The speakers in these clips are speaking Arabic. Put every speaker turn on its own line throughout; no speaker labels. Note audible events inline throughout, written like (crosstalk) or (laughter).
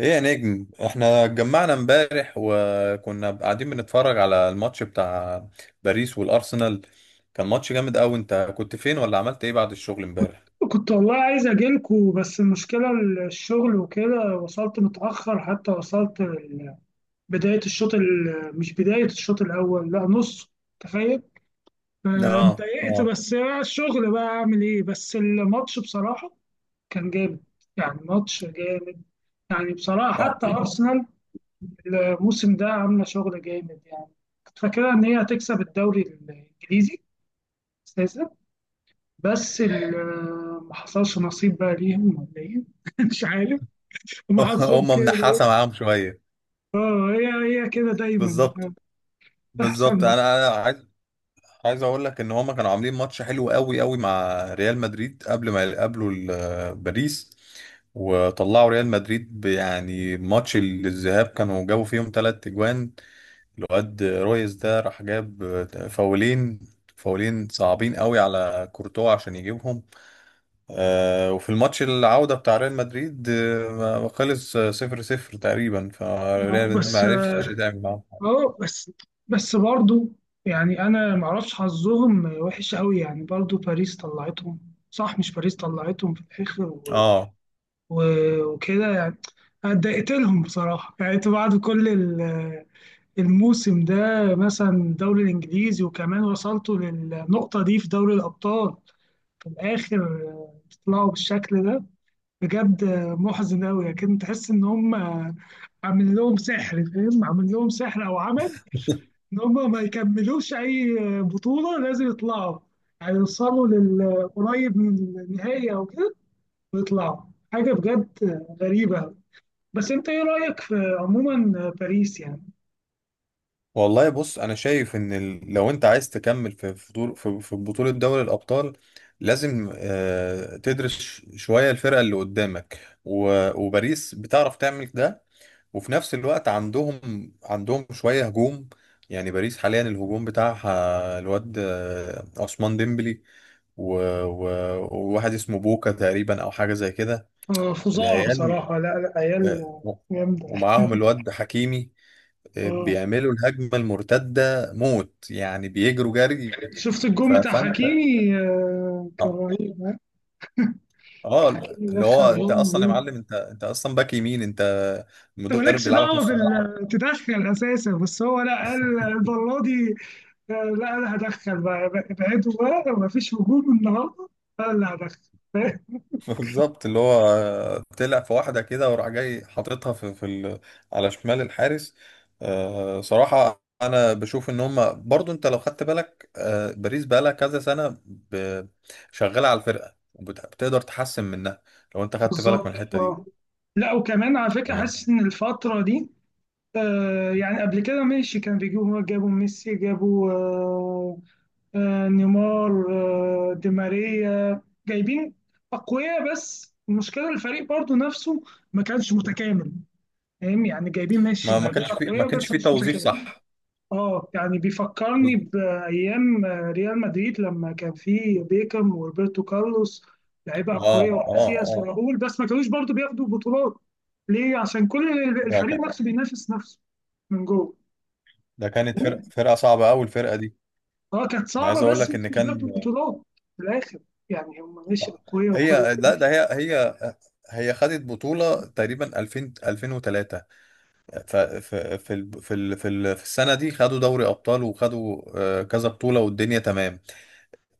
ايه يا نجم، احنا اتجمعنا امبارح وكنا قاعدين بنتفرج على الماتش بتاع باريس والارسنال. كان ماتش جامد قوي. انت كنت فين ولا عملت ايه بعد الشغل امبارح؟
كنت والله عايز أجيلكوا، بس المشكلة الشغل وكده. وصلت متأخر، حتى وصلت بداية الشوط ال- مش بداية الشوط الأول، لا نص. تخيل.
اه،
اتضايقت،
اه،
بس الشغل، بقى أعمل إيه؟ بس الماتش بصراحة كان جامد. يعني ماتش جامد. يعني بصراحة
اه.
حتى أرسنال الموسم ده عاملة شغل جامد يعني. كنت فاكرها إن هي هتكسب الدوري الإنجليزي أساسا، بس ما حصلش نصيب بقى ليهم ولا ايه؟ (laughs) مش عارف، هم
(laughs)
حظهم
هم
كده.
منحاسه معاهم شويه.
اه، هي هي كده دايما
بالظبط،
بتحصل
بالظبط.
لنا.
انا عايز، عايز اقول لك ان هم كانوا عاملين ماتش حلو قوي قوي مع ريال مدريد قبل ما يقابلوا باريس، وطلعوا ريال مدريد، يعني ماتش الذهاب كانوا جابوا فيهم 3 اجوان. الواد رويز ده راح جاب فاولين، فاولين صعبين قوي على كورتوا عشان يجيبهم. وفي الماتش العودة بتاع ريال مدريد خلص 0-0 تقريبا،
آه،
فريال مدريد
بس
ما عرفتش تعمل معاهم حاجة.
آه، بس برضو يعني انا ما اعرفش، حظهم وحش قوي يعني. برضو باريس طلعتهم، صح؟ مش باريس طلعتهم في الاخر
اه.
و... وكده يعني. أنا اتضايقت لهم بصراحه، يعني أنت بعد كل الموسم ده مثلا، الدوري الإنجليزي وكمان وصلتوا للنقطة دي في دوري الأبطال، في الآخر طلعوا بالشكل ده. بجد محزن أوي. لكن تحس إن هم عامل لهم سحر، فاهم؟ عامل لهم سحر أو عمل إن هم ما يكملوش أي بطولة. لازم يطلعوا، هيوصلوا للقريب من النهاية أو كده ويطلعوا. حاجة بجد غريبة أوي. بس أنت إيه رأيك في عموما باريس يعني؟
والله بص، انا شايف ان لو انت عايز تكمل في في دور في في بطولة دوري الابطال، لازم تدرس شوية الفرقة اللي قدامك، وباريس بتعرف تعمل ده. وفي نفس الوقت عندهم شوية هجوم. يعني باريس حاليا الهجوم بتاعها الواد عثمان ديمبلي و... و... وواحد اسمه بوكا تقريبا او حاجة زي كده.
فظاع
العيال،
بصراحة. لا، عيال
آه،
جامدة.
ومعاهم الواد حكيمي،
اه،
بيعملوا الهجمة المرتدة موت، يعني بيجروا جري.
شفت الجون بتاع
فانت،
حكيمي كان
اه،
رهيب، ها؟
آه،
حكيمي
اللي
دخل
هو انت
جون
اصلا يا
رهيب.
معلم، انت اصلا باك يمين، انت
انت
مدرب
مالكش
بيلعبك
دعوة
نص ملعب.
بال تدخل اساسا، بس هو لا، قال المرة دي لا، انا هدخل بقى، ابعدوا بقى، ما فيش هجوم النهارده، انا اللي هدخل. فاهم؟
بالظبط. اللي هو طلع في واحدة كده وراح جاي حاططها في على شمال الحارس. صراحة أنا بشوف إن هما برضو، أنت لو خدت بالك، باريس بقالها كذا سنة شغالة على الفرقة، وبتقدر تحسن منها لو أنت خدت بالك من
بالظبط،
الحتة
اه.
دي.
لا، وكمان على فكرة
يعني
حاسس ان الفترة دي آه، يعني قبل كده ماشي، كان جابوا ميسي، جابوا نيمار، دي ماريا. جايبين أقوياء، بس المشكلة الفريق برضو نفسه ما كانش متكامل. فاهم يعني؟ جايبين ماشي،
ما ما
يعني جايبين
كانش في ما
أقوياء،
كانش
بس
في
مش
توظيف
متكامل.
صح.
اه يعني بيفكرني
بز-
بأيام ريال مدريد لما كان فيه بيكام وروبرتو كارلوس. لعيبة
اه،
أقوياء،
اه،
وكاسياس
اه.
وراؤول، بس ما كانوش برضو بياخدوا بطولات. ليه؟ عشان كل
ده كان
الفريق نفسه بينافس نفسه من جوه.
ده كانت فرقة صعبة أوي الفرقة دي.
اه كانت
أنا عايز
صعبة،
أقول
بس
لك
ما
إن
كانوش
كان.
بياخدوا البطولات في الآخر. يعني هم ماشي أقوياء وكل حاجة.
لا، ده هي هي خدت بطولة تقريبا 2000، 2003. ف- ف- في ال- في ال- في ال- في السنة دي خدوا دوري أبطال وخدوا كذا بطولة والدنيا تمام.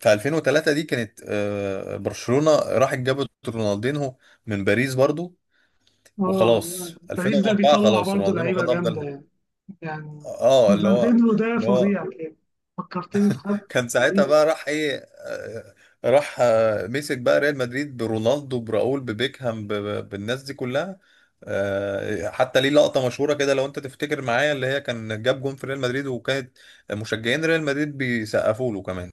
في 2003 دي كانت، برشلونة راحت جابت رونالدينهو من باريس برضو.
اه،
وخلاص
باريس ده
2004
بيطلع
خلاص
برضه
رونالدينهو
لعيبة
خد
جامدة
أفضل.
يعني. يعني
اه، اللي هو
رونالدينو ده
اللي هو
فظيع كان، فكرتني في حد
كان ساعتها
غريب.
بقى راح ايه، آه، راح مسك بقى ريال مدريد برونالدو، براؤول، ببيكهام، بالناس دي كلها. حتى ليه لقطة مشهورة كده لو انت تفتكر معايا، اللي هي كان جاب جون في ريال مدريد وكانت مشجعين ريال مدريد بيسقفوا له كمان.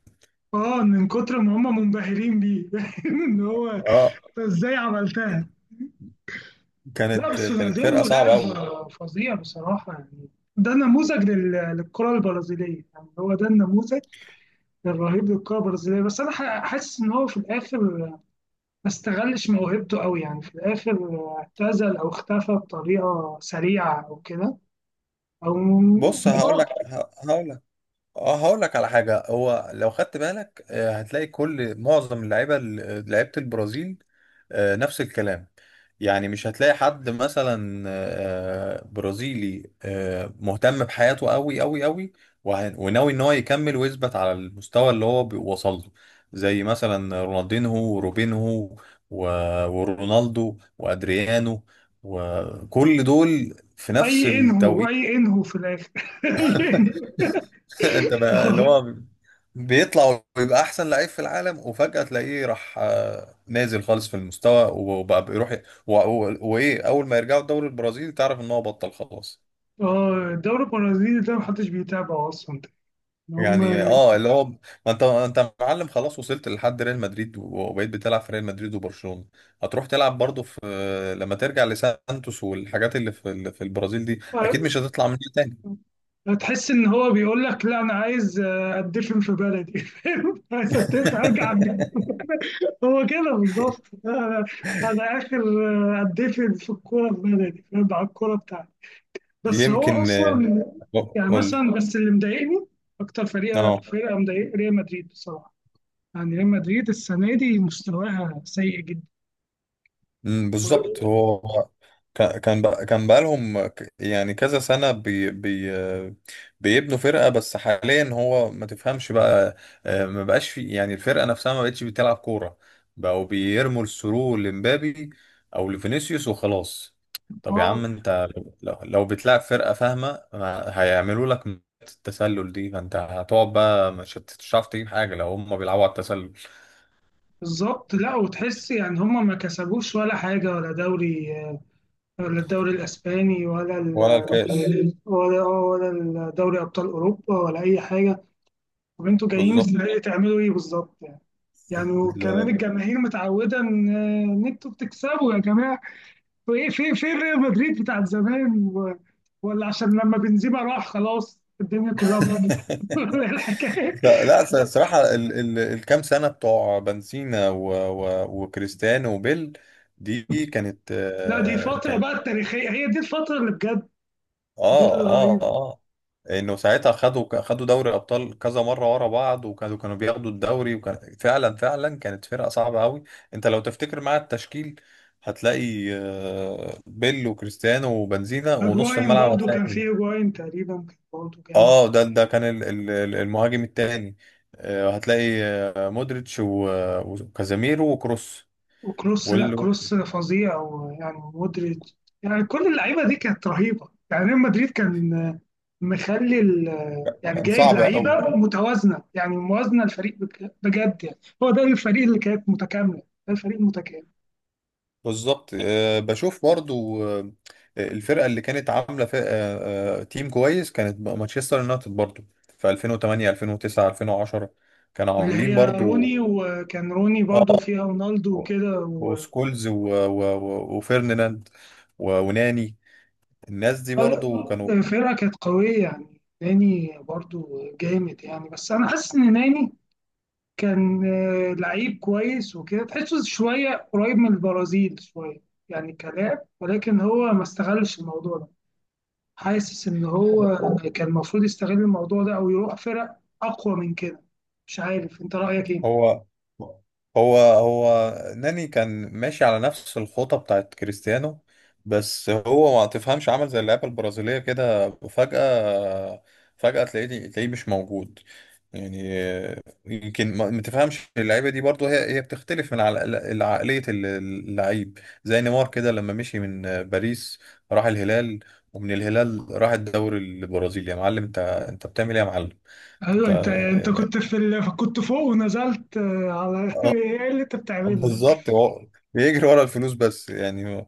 اه من كتر ما هم منبهرين بيه، (laughs) ان هو أنت
اه،
ازاي عملتها. لا
كانت
بس
كانت فرقة
رونالدينو
صعبة قوي.
لاعب فظيع بصراحة يعني. ده نموذج للكرة البرازيلية، يعني هو ده النموذج الرهيب للكرة البرازيلية. بس أنا حاسس إن هو في الآخر ما استغلش موهبته قوي، يعني في الآخر اعتزل أو اختفى بطريقة سريعة أو كده أو
بص هقول
آه.
لك هقول لك اه هقول لك على حاجه. هو لو خدت بالك هتلاقي معظم اللعيبه، لعيبه البرازيل نفس الكلام. يعني مش هتلاقي حد مثلا برازيلي مهتم بحياته قوي قوي قوي، وناوي ان هو يكمل ويثبت على المستوى اللي هو وصل له. زي مثلا رونالدينهو وروبينهو و- ورونالدو وادريانو، وكل دول في نفس
أي إنهو،
التوقيت.
أي إنهو في الآخر (laughs) أي إنهو
(laughs) انت بقى، اللي
آه.
هو بيطلع ويبقى احسن لعيب في العالم وفجأة تلاقيه راح نازل خالص في المستوى، وبقى بيروح ي- و- و- وايه اول ما يرجعوا الدوري البرازيلي تعرف ان هو بطل خلاص.
الدوري البرازيلي ده محدش بيتابعه أصلا. إن هم
يعني، اه اللي هو ما انت معلم خلاص، وصلت لحد ريال مدريد وبقيت بتلعب في ريال مدريد وبرشلونة، هتروح تلعب برضه في لما ترجع لسانتوس، والحاجات اللي في في البرازيل دي اكيد
آه،
مش هتطلع منها تاني.
تحس إن هو بيقول لك لا أنا عايز أدفن في بلدي. (laughs) فاهم؟ عايز أدفن، أرجع أدفن.
(laughs)
هو كده بالظبط، أنا أنا آخر أدفن في الكورة في بلدي، فاهم؟ على الكورة بتاعتي. بس هو
يمكن،
اصلا يعني
قول لي.
مثلا، بس اللي مضايقني اكتر فريق،
اه.
فرقه مضايق ريال مدريد بصراحه. يعني ريال مدريد السنه دي مستواها سيء جدا.
مم، بالظبط. هو كان بقالهم، يعني كذا سنة بي بي بيبنوا فرقة، بس حاليا هو ما تفهمش بقى، ما بقاش في، يعني الفرقة نفسها ما بقتش بتلعب كورة. بقوا بيرموا الثرو لمبابي أو لفينيسيوس وخلاص. طب يا
اه
عم انت، لو بتلعب فرقة فاهمة ما هيعملوا لك التسلل دي، فانت هتقعد بقى، مش هتعرف تجيب حاجة لو هم بيلعبوا على التسلل.
بالظبط. لا وتحس يعني هم ما كسبوش ولا حاجه، ولا دوري، ولا الدوري الاسباني ولا ال،
ولا الكاس.
ولا، ولا دوري ابطال اوروبا، ولا اي حاجه. طب انتوا جايين
بالظبط.
السنه دي تعملوا ايه بالظبط يعني؟ يعني وكمان
(laughs)
الجماهير متعوده ان إن انتوا بتكسبوا يا جماعه. وايه في في ريال مدريد بتاعت زمان ولا عشان لما بنزيما راح خلاص الدنيا كلها باظت (laughs)
ال-
الحكايه؟
ف- لا س- الصراحة ال ال الكام سنة بتوع بنزينا و و وكريستيانو وبيل دي كانت،
لا، دي الفتره بقى التاريخيه، هي دي الفتره اللي بجد، دي
اه،
اللي
اه،
رهيبه.
اه. انه ساعتها خدوا، خدوا دوري الابطال كذا مره ورا بعض، وكانوا بياخدوا الدوري، وكان فعلا، فعلا كانت فرقه صعبه قوي. انت لو تفتكر معايا التشكيل، هتلاقي بيل وكريستيانو وبنزينا ونص
هجواين
الملعب
برضو كان
هتلاقي.
في هجواين تقريبا، كان برضو جامد.
اه، ده كان المهاجم التاني، هتلاقي مودريتش وكازاميرو وكروس،
وكروس، لا
واللي
كروس فظيع، ويعني مودريتش، يعني كل اللعيبه دي كانت رهيبه. يعني ريال مدريد كان مخلي يعني
كان
جايب
صعب
لعيبه
قوي.
متوازنه، يعني موازنه الفريق بجد. يعني هو ده الفريق اللي كانت متكامله، ده الفريق المتكامل.
بالظبط. بشوف برضو الفرقة اللي كانت عاملة فرقة آه، آه، تيم كويس، كانت مانشستر يونايتد برضو في 2008، 2009، 2010 كانوا
اللي
عاملين
هي
برضو.
روني، وكان روني برضو
اه.
فيها رونالدو
و-
وكده
وسكولز وفيرناند وناني، الناس دي برضو كانوا.
فرقه كانت قويه يعني. ناني برضو جامد يعني. بس انا حاسس ان ناني كان لعيب كويس وكده، تحسه شوية قريب من البرازيل شوية، يعني كلام. ولكن هو ما استغلش الموضوع ده. حاسس إن هو كان المفروض يستغل الموضوع ده أو يروح فرق أقوى من كده. مش عارف، أنت رأيك إيه؟
هو هو ناني كان ماشي على نفس الخطة بتاعت كريستيانو، بس هو ما تفهمش، عمل زي اللعيبة البرازيلية كده فجأة. فجأة تلاقيه، تلاقيه مش موجود. يعني يمكن ما تفهمش اللعيبة دي برضو، هي بتختلف من على العقلية اللعيب. زي نيمار كده لما مشي من باريس، راح الهلال، ومن الهلال راح الدوري البرازيلي. يا معلم، انت بتعمل ايه يا معلم؟
أيوه،
انت
أنت أنت كنت في كنت فوق ونزلت على (laughs) إيه اللي أنت بتعمله؟
بالظبط، هو بيجري ورا الفلوس بس. يعني هو،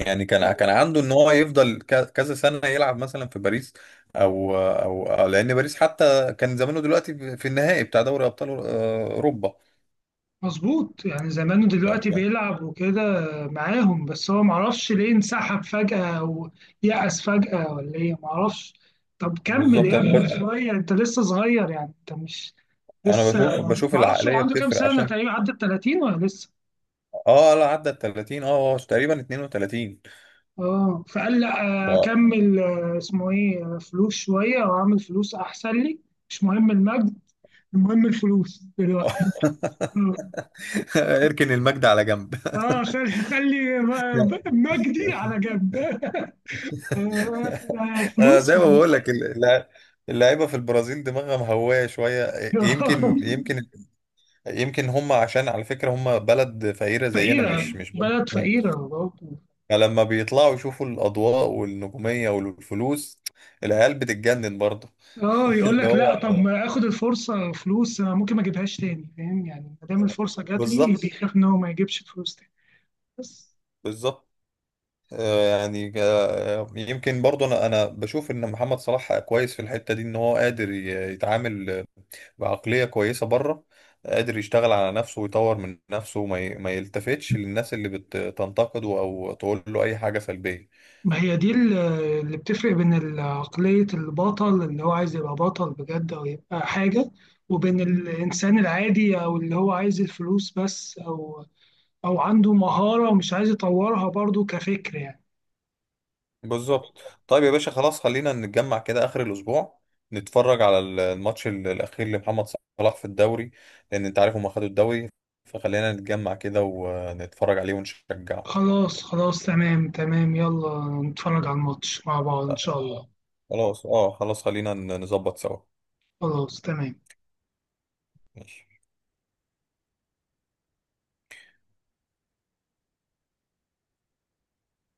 يعني كان عنده ان هو يفضل كذا سنه يلعب مثلا في باريس، لان باريس حتى كان زمانه دلوقتي في النهائي بتاع دوري ابطال اوروبا.
مظبوط. يعني زمانه دلوقتي بيلعب وكده معاهم، بس هو معرفش ليه انسحب فجأة، أو يأس فجأة، ولا إيه معرفش. طب كمل
بالظبط.
يا ابني شوية، أنت لسه صغير، يعني أنت مش
انا
لسه.
بشوف، بشوف
معرفش هو
العقليه
عنده كام
بتفرق،
سنة
عشان.
تقريبا؟ عدت 30 ولا لسه؟
اه لا، عدى ال 30، هو تقريبا 32.
اه، فقال
ف...
لا أكمل اسمه إيه فلوس شوية وأعمل فلوس، أحسن لي. مش مهم المجد، المهم الفلوس دلوقتي.
(laughs) اركن المجد على جنب.
اه، خلي مجدي
(laughs)
على جنب (laughs)
(laughs) انا
فلوس
زي ما بقول
(laughs)
لك، اللعيبه في البرازيل دماغها مهوايه شويه. يمكن، يمكن، يمكن هم، عشان على فكره، هم بلد فقيره زينا،
فقيرة،
مش بلد
بلد
غنية.
فقيرة برضه.
فلما بيطلعوا يشوفوا الاضواء والنجوميه والفلوس، العيال بتتجنن برضه.
اه
(laughs)
يقول
اللي
لك لا، طب
هو
ما اخد الفرصة، فلوس أنا ممكن ما اجيبهاش تاني، فاهم يعني؟ ما دام الفرصة جات لي،
بالظبط.
بيخاف ان هو ما يجيبش فلوس تاني. بس
بالظبط، يعني، يمكن برضه انا بشوف ان محمد صلاح كويس في الحته دي، ان هو قادر يتعامل بعقلية كويسة بره، قادر يشتغل على نفسه ويطور من نفسه، وما ما يلتفتش للناس اللي بتنتقده أو تقول له أي حاجة سلبية.
ما هي دي اللي بتفرق بين عقلية البطل اللي هو عايز يبقى بطل بجد او يبقى حاجة، وبين الانسان العادي او اللي هو عايز الفلوس بس، او او عنده مهارة ومش عايز يطورها برضه كفكر يعني.
بالظبط. طيب يا باشا، خلاص خلينا نتجمع كده آخر الأسبوع، نتفرج على الماتش الأخير لمحمد صلاح في الدوري، لأن أنت عارف هما خدوا الدوري، فخلينا نتجمع كده ونتفرج عليه ونشجعه.
خلاص، تمام، يلا نتفرج على الماتش مع بعض إن شاء الله.
خلاص، اه، خلاص خلينا نظبط سوا.
خلاص تمام.
ماشي.